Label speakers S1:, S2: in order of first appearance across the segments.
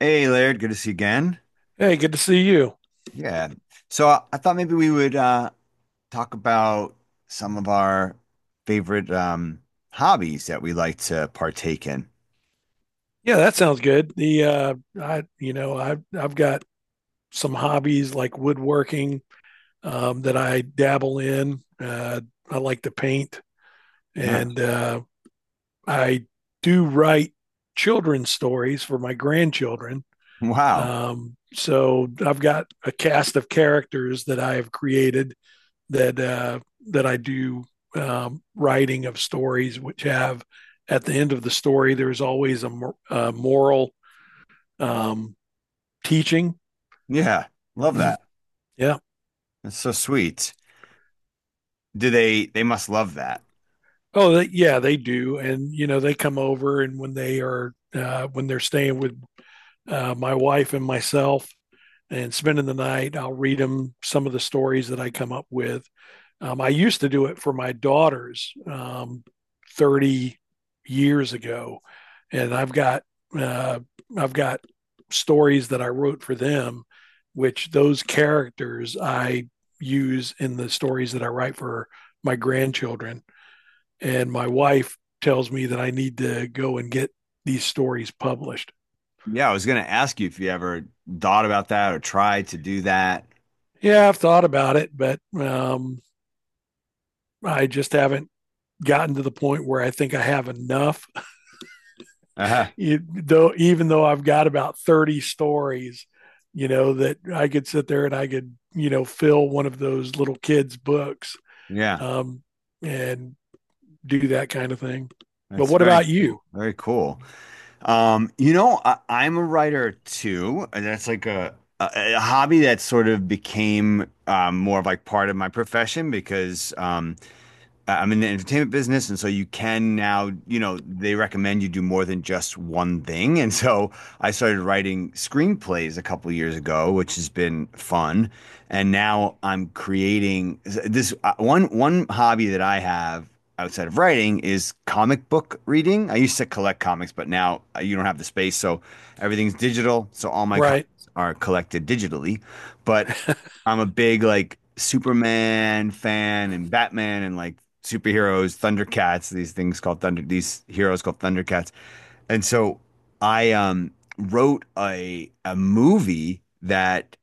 S1: Hey Laird, good to see you again.
S2: Hey, good to see you.
S1: Yeah. So I thought maybe we would talk about some of our favorite hobbies that we like to partake in.
S2: Yeah, that sounds good. The I you know, I I've got some hobbies like woodworking that I dabble in. I like to paint
S1: Nice.
S2: and I do write children's stories for my grandchildren.
S1: Wow.
S2: So I've got a cast of characters that I have created that uh that I do writing of stories which have at the end of the story there's always a moral um, teaching.
S1: Yeah. Love that.
S2: Yeah.
S1: That's so sweet. Do they must love that.
S2: Oh, they, yeah, they do. And you know, they come over, and when they are when they're staying with my wife and myself and spending the night. I'll read them some of the stories that I come up with. I used to do it for my daughters 30 years ago, and uh, I've got stories that I wrote for them, which those characters I use in the stories that I write for my grandchildren. And my wife tells me that I need to go and get these stories published.
S1: Yeah, I was gonna ask you if you ever thought about that or tried to do that.
S2: Yeah, I've thought about it, but I just haven't gotten to the point where I think I have enough.
S1: Uh-huh.
S2: You, though, even though I've got about 30 stories, you know that I could sit there and I could you know fill one of those little kids' books,
S1: Yeah.
S2: um, and do that kind of thing. But
S1: That's
S2: what
S1: very
S2: about you?
S1: cool. Very cool. You know, I'm a writer too, and that's like a hobby that sort of became more of like part of my profession because I'm in the entertainment business, and so you can now, you know, they recommend you do more than just one thing. And so I started writing screenplays a couple of years ago, which has been fun. And now I'm creating this one hobby that I have outside of writing is comic book reading. I used to collect comics, but now you don't have the space, so everything's digital. So all my comics
S2: Right,
S1: are collected digitally. But I'm a big like Superman fan and Batman and like superheroes, Thundercats, these heroes called Thundercats. And so I wrote a movie that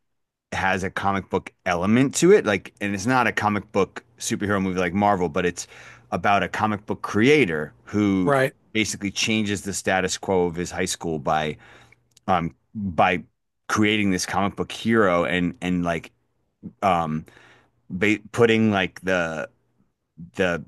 S1: has a comic book element to it, like, and it's not a comic book superhero movie like Marvel, but it's about a comic book creator who
S2: right.
S1: basically changes the status quo of his high school by creating this comic book hero and um putting like the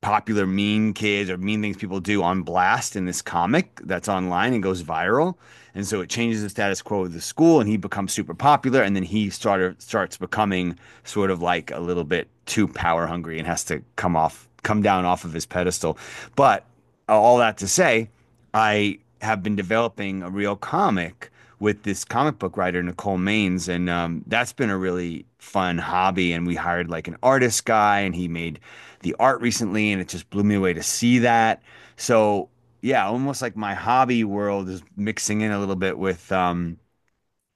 S1: popular mean kids or mean things people do on blast in this comic that's online and goes viral. And so it changes the status quo of the school and he becomes super popular and then he started starts becoming sort of like a little bit too power hungry and has to come down off of his pedestal. But all that to say, I have been developing a real comic with this comic book writer Nicole Maines, and that's been a really fun hobby. And we hired like an artist guy, and he made the art recently, and it just blew me away to see that. So yeah, almost like my hobby world is mixing in a little bit with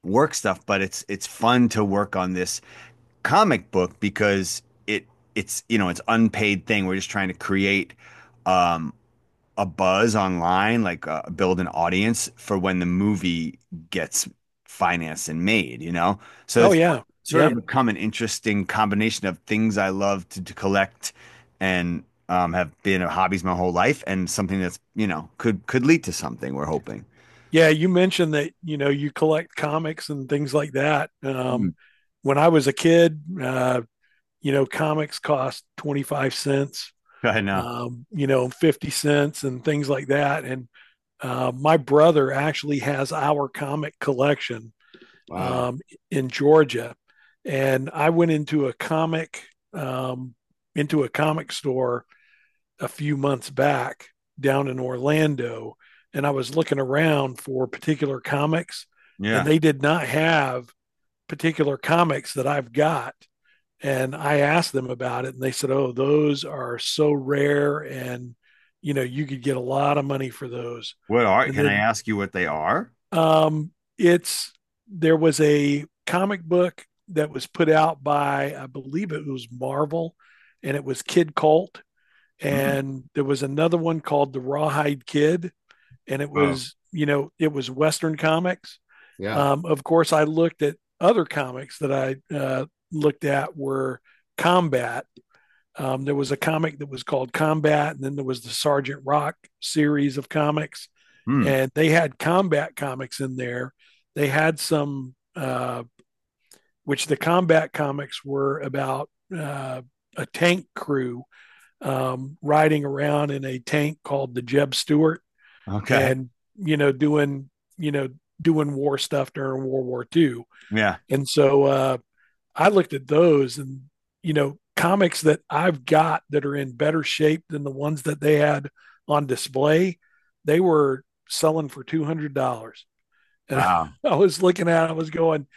S1: work stuff, but it's fun to work on this comic book because it it's you know it's unpaid thing. We're just trying to create um, a buzz online, like build an audience for when the movie gets financed and made, you know? So
S2: Oh
S1: it's
S2: yeah,
S1: sort
S2: yeah,
S1: of become an interesting combination of things I love to collect and have been hobbies my whole life and something that's, you know, could lead to something we're hoping.
S2: yeah. You mentioned that you know you collect comics and things like that.
S1: Hmm.
S2: When I was a kid, you know, comics cost 25 cents,
S1: Go ahead now.
S2: you know, 50 cents and things like that. And my brother actually has our comic collection,
S1: Wow.
S2: um, in Georgia. And I went um, into a comic store a few months back down in Orlando. And I was looking around for particular comics and
S1: Yeah.
S2: they did not have particular comics that I've got, and I asked them about it, and they said, "Oh, those are so rare, and you know you could get a lot of money for those." And
S1: Can I
S2: then
S1: ask you what they are?
S2: um, it's there was a comic book that was put out by I believe it was Marvel, and it was Kid Colt,
S1: Hmm.
S2: and there was another one called the Rawhide Kid, and it
S1: Oh,
S2: was you know it was Western comics.
S1: yeah.
S2: Of course, I looked at other comics that I looked at were Combat there was a comic that was called Combat, and then there was the Sergeant Rock series of comics,
S1: Hmm.
S2: and they had combat comics in there. They had which the combat comics were about uh, a tank crew, riding around in a tank called the Jeb Stuart,
S1: Okay.
S2: and you know doing you know doing war stuff during World War Two.
S1: Yeah.
S2: And so I looked at those and, you know, comics that I've got that are in better shape than the ones that they had on display, they were selling for $200. And
S1: Wow.
S2: I was looking at it, I was going,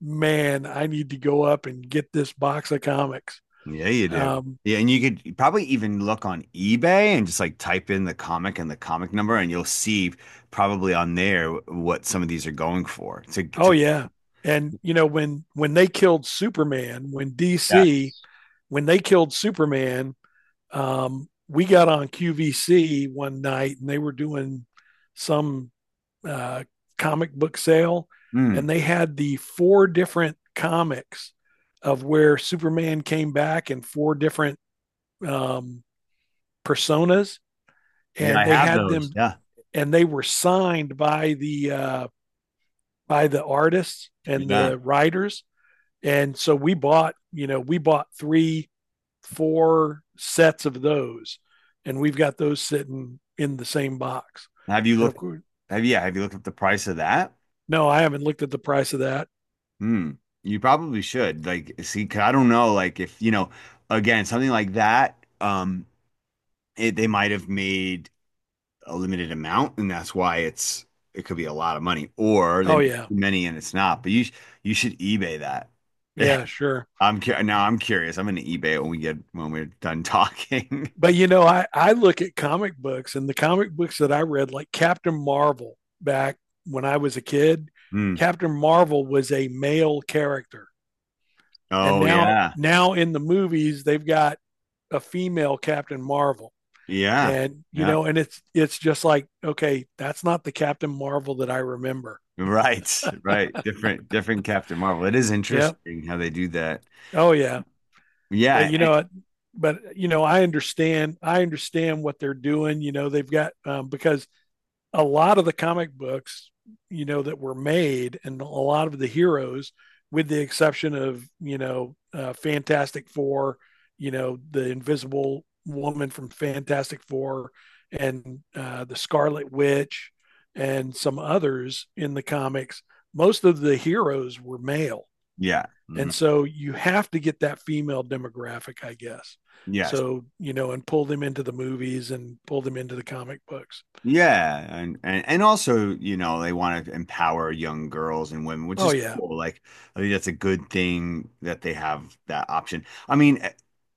S2: man, I need to go up and get this box of comics.
S1: Yeah, you do.
S2: Um,
S1: Yeah, and you could probably even look on eBay and just like type in the comic and the comic number, and you'll see probably on there what some of these are going for. To
S2: oh, yeah. And, you know, when they killed Superman, when
S1: yeah,
S2: DC, when they killed Superman, we got on QVC one night and they were doing some uh, comic book sale,
S1: hmm,
S2: and they had the four different comics of where Superman came back in four different um, personas,
S1: yeah,
S2: and
S1: I
S2: they
S1: have
S2: had
S1: those.
S2: them,
S1: Yeah,
S2: and they were signed by the artists and
S1: yeah.
S2: the writers, and so we bought, you know, four sets of those, and we've got those sitting in the same box,
S1: Have you
S2: and of
S1: looked?
S2: course,
S1: Have yeah? Have you looked up the price of that?
S2: no, I haven't looked at the price of that.
S1: Hmm. You probably should. Like, see, 'cause I don't know. Like, if you know, again, something like that. It, they might have made a limited amount, and that's why it could be a lot of money, or they
S2: Oh
S1: make
S2: yeah,
S1: too many and it's not. You should eBay that.
S2: yeah, sure.
S1: Now I'm curious. I'm gonna eBay it when we get when we're done talking.
S2: But you know, I look at comic books and the comic books that I read, like Captain Marvel back when I was a kid.
S1: Hmm.
S2: Captain Marvel was a male character, and
S1: Oh
S2: now
S1: yeah,
S2: now in the movies they've got a female Captain Marvel,
S1: yeah,
S2: and you
S1: yeah.
S2: know, and it's just like okay, that's not the Captain Marvel that I remember.
S1: Right, right. Different, different Captain Marvel. It is
S2: Yeah,
S1: interesting how they do that.
S2: oh yeah, but
S1: Yeah,
S2: you
S1: I-
S2: know, but you know, I understand what they're doing. You know, they've got because a lot of the comic books, you know, that were made and a lot of the heroes, with the exception of, you know, Fantastic Four, you know, the Invisible Woman from Fantastic Four and the Scarlet Witch and some others in the comics, most of the heroes were male.
S1: yeah, hmm.
S2: And so you have to get that female demographic, I guess.
S1: Yes.
S2: So, you know, and pull them into the movies and pull them into the comic books.
S1: Yeah, and also, you know, they want to empower young girls and women, which
S2: Oh,
S1: is
S2: yeah.
S1: cool. Like, I think that's a good thing that they have that option.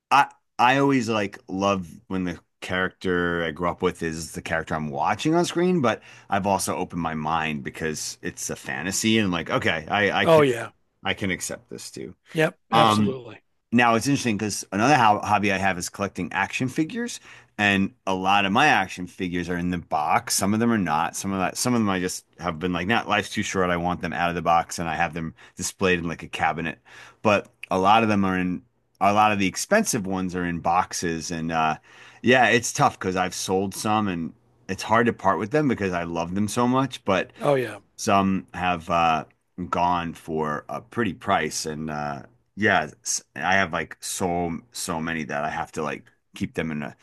S1: I I always like love when the character I grew up with is the character I'm watching on screen, but I've also opened my mind because it's a fantasy and like, okay,
S2: Oh, yeah.
S1: I can accept this too.
S2: Yep,
S1: Um,
S2: absolutely.
S1: now it's interesting because another ho hobby I have is collecting action figures, and a lot of my action figures are in the box. Some of them are not. Some of them I just have been like, not life's too short. I want them out of the box, and I have them displayed in like a cabinet. But a lot of them are in. A lot of the expensive ones are in boxes, and yeah, it's tough because I've sold some, and it's hard to part with them because I love them so much. But
S2: Oh yeah.
S1: some have gone for a pretty price, and yeah, I have like so many that I have to like keep them in a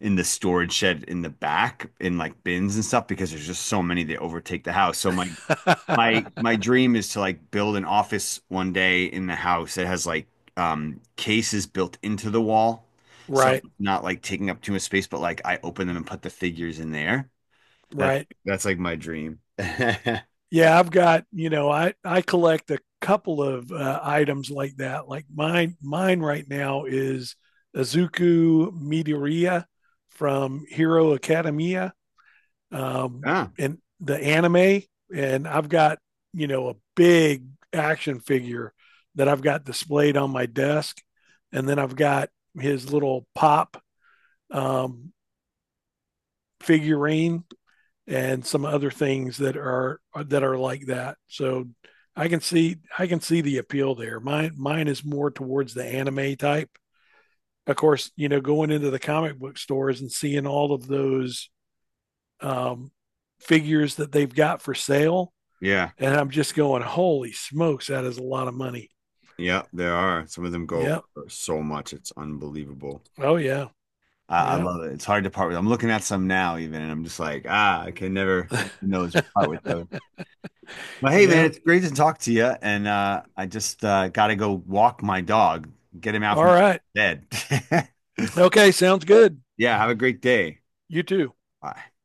S1: in the storage shed in the back in like bins and stuff because there's just so many that overtake the house. So my dream is to like build an office one day in the house that has like cases built into the wall, so
S2: right,
S1: not like taking up too much space, but like I open them and put the figures in there. That's
S2: right.
S1: that's like my dream.
S2: Yeah, I've got, you know, I collect a couple of items like that. Like mine right now is Azuku Midoriya from Hero Academia um
S1: Yeah.
S2: and the anime, and I've got, you know, a big action figure that I've got displayed on my desk, and then I've got his little pop um figurine and some other things that are like that. So I can see the appeal there. Mine is more towards the anime type. Of course, you know, going into the comic book stores and seeing all of those um, figures that they've got for sale,
S1: Yeah,
S2: and I'm just going, holy smokes, that is a lot of money.
S1: yeah, there are. Some of them go
S2: Yeah.
S1: for so much. It's unbelievable.
S2: Oh yeah.
S1: I
S2: Yeah.
S1: love it. It's hard to part with. I'm looking at some now even, and I'm just like, ah, I can never open those or part with those. But hey, man,
S2: Yeah.
S1: it's great to talk to you. And I just got to go walk my dog, get him out
S2: All
S1: from
S2: right.
S1: bed.
S2: Okay. Sounds good.
S1: Yeah, have a great day.
S2: You too.
S1: Bye.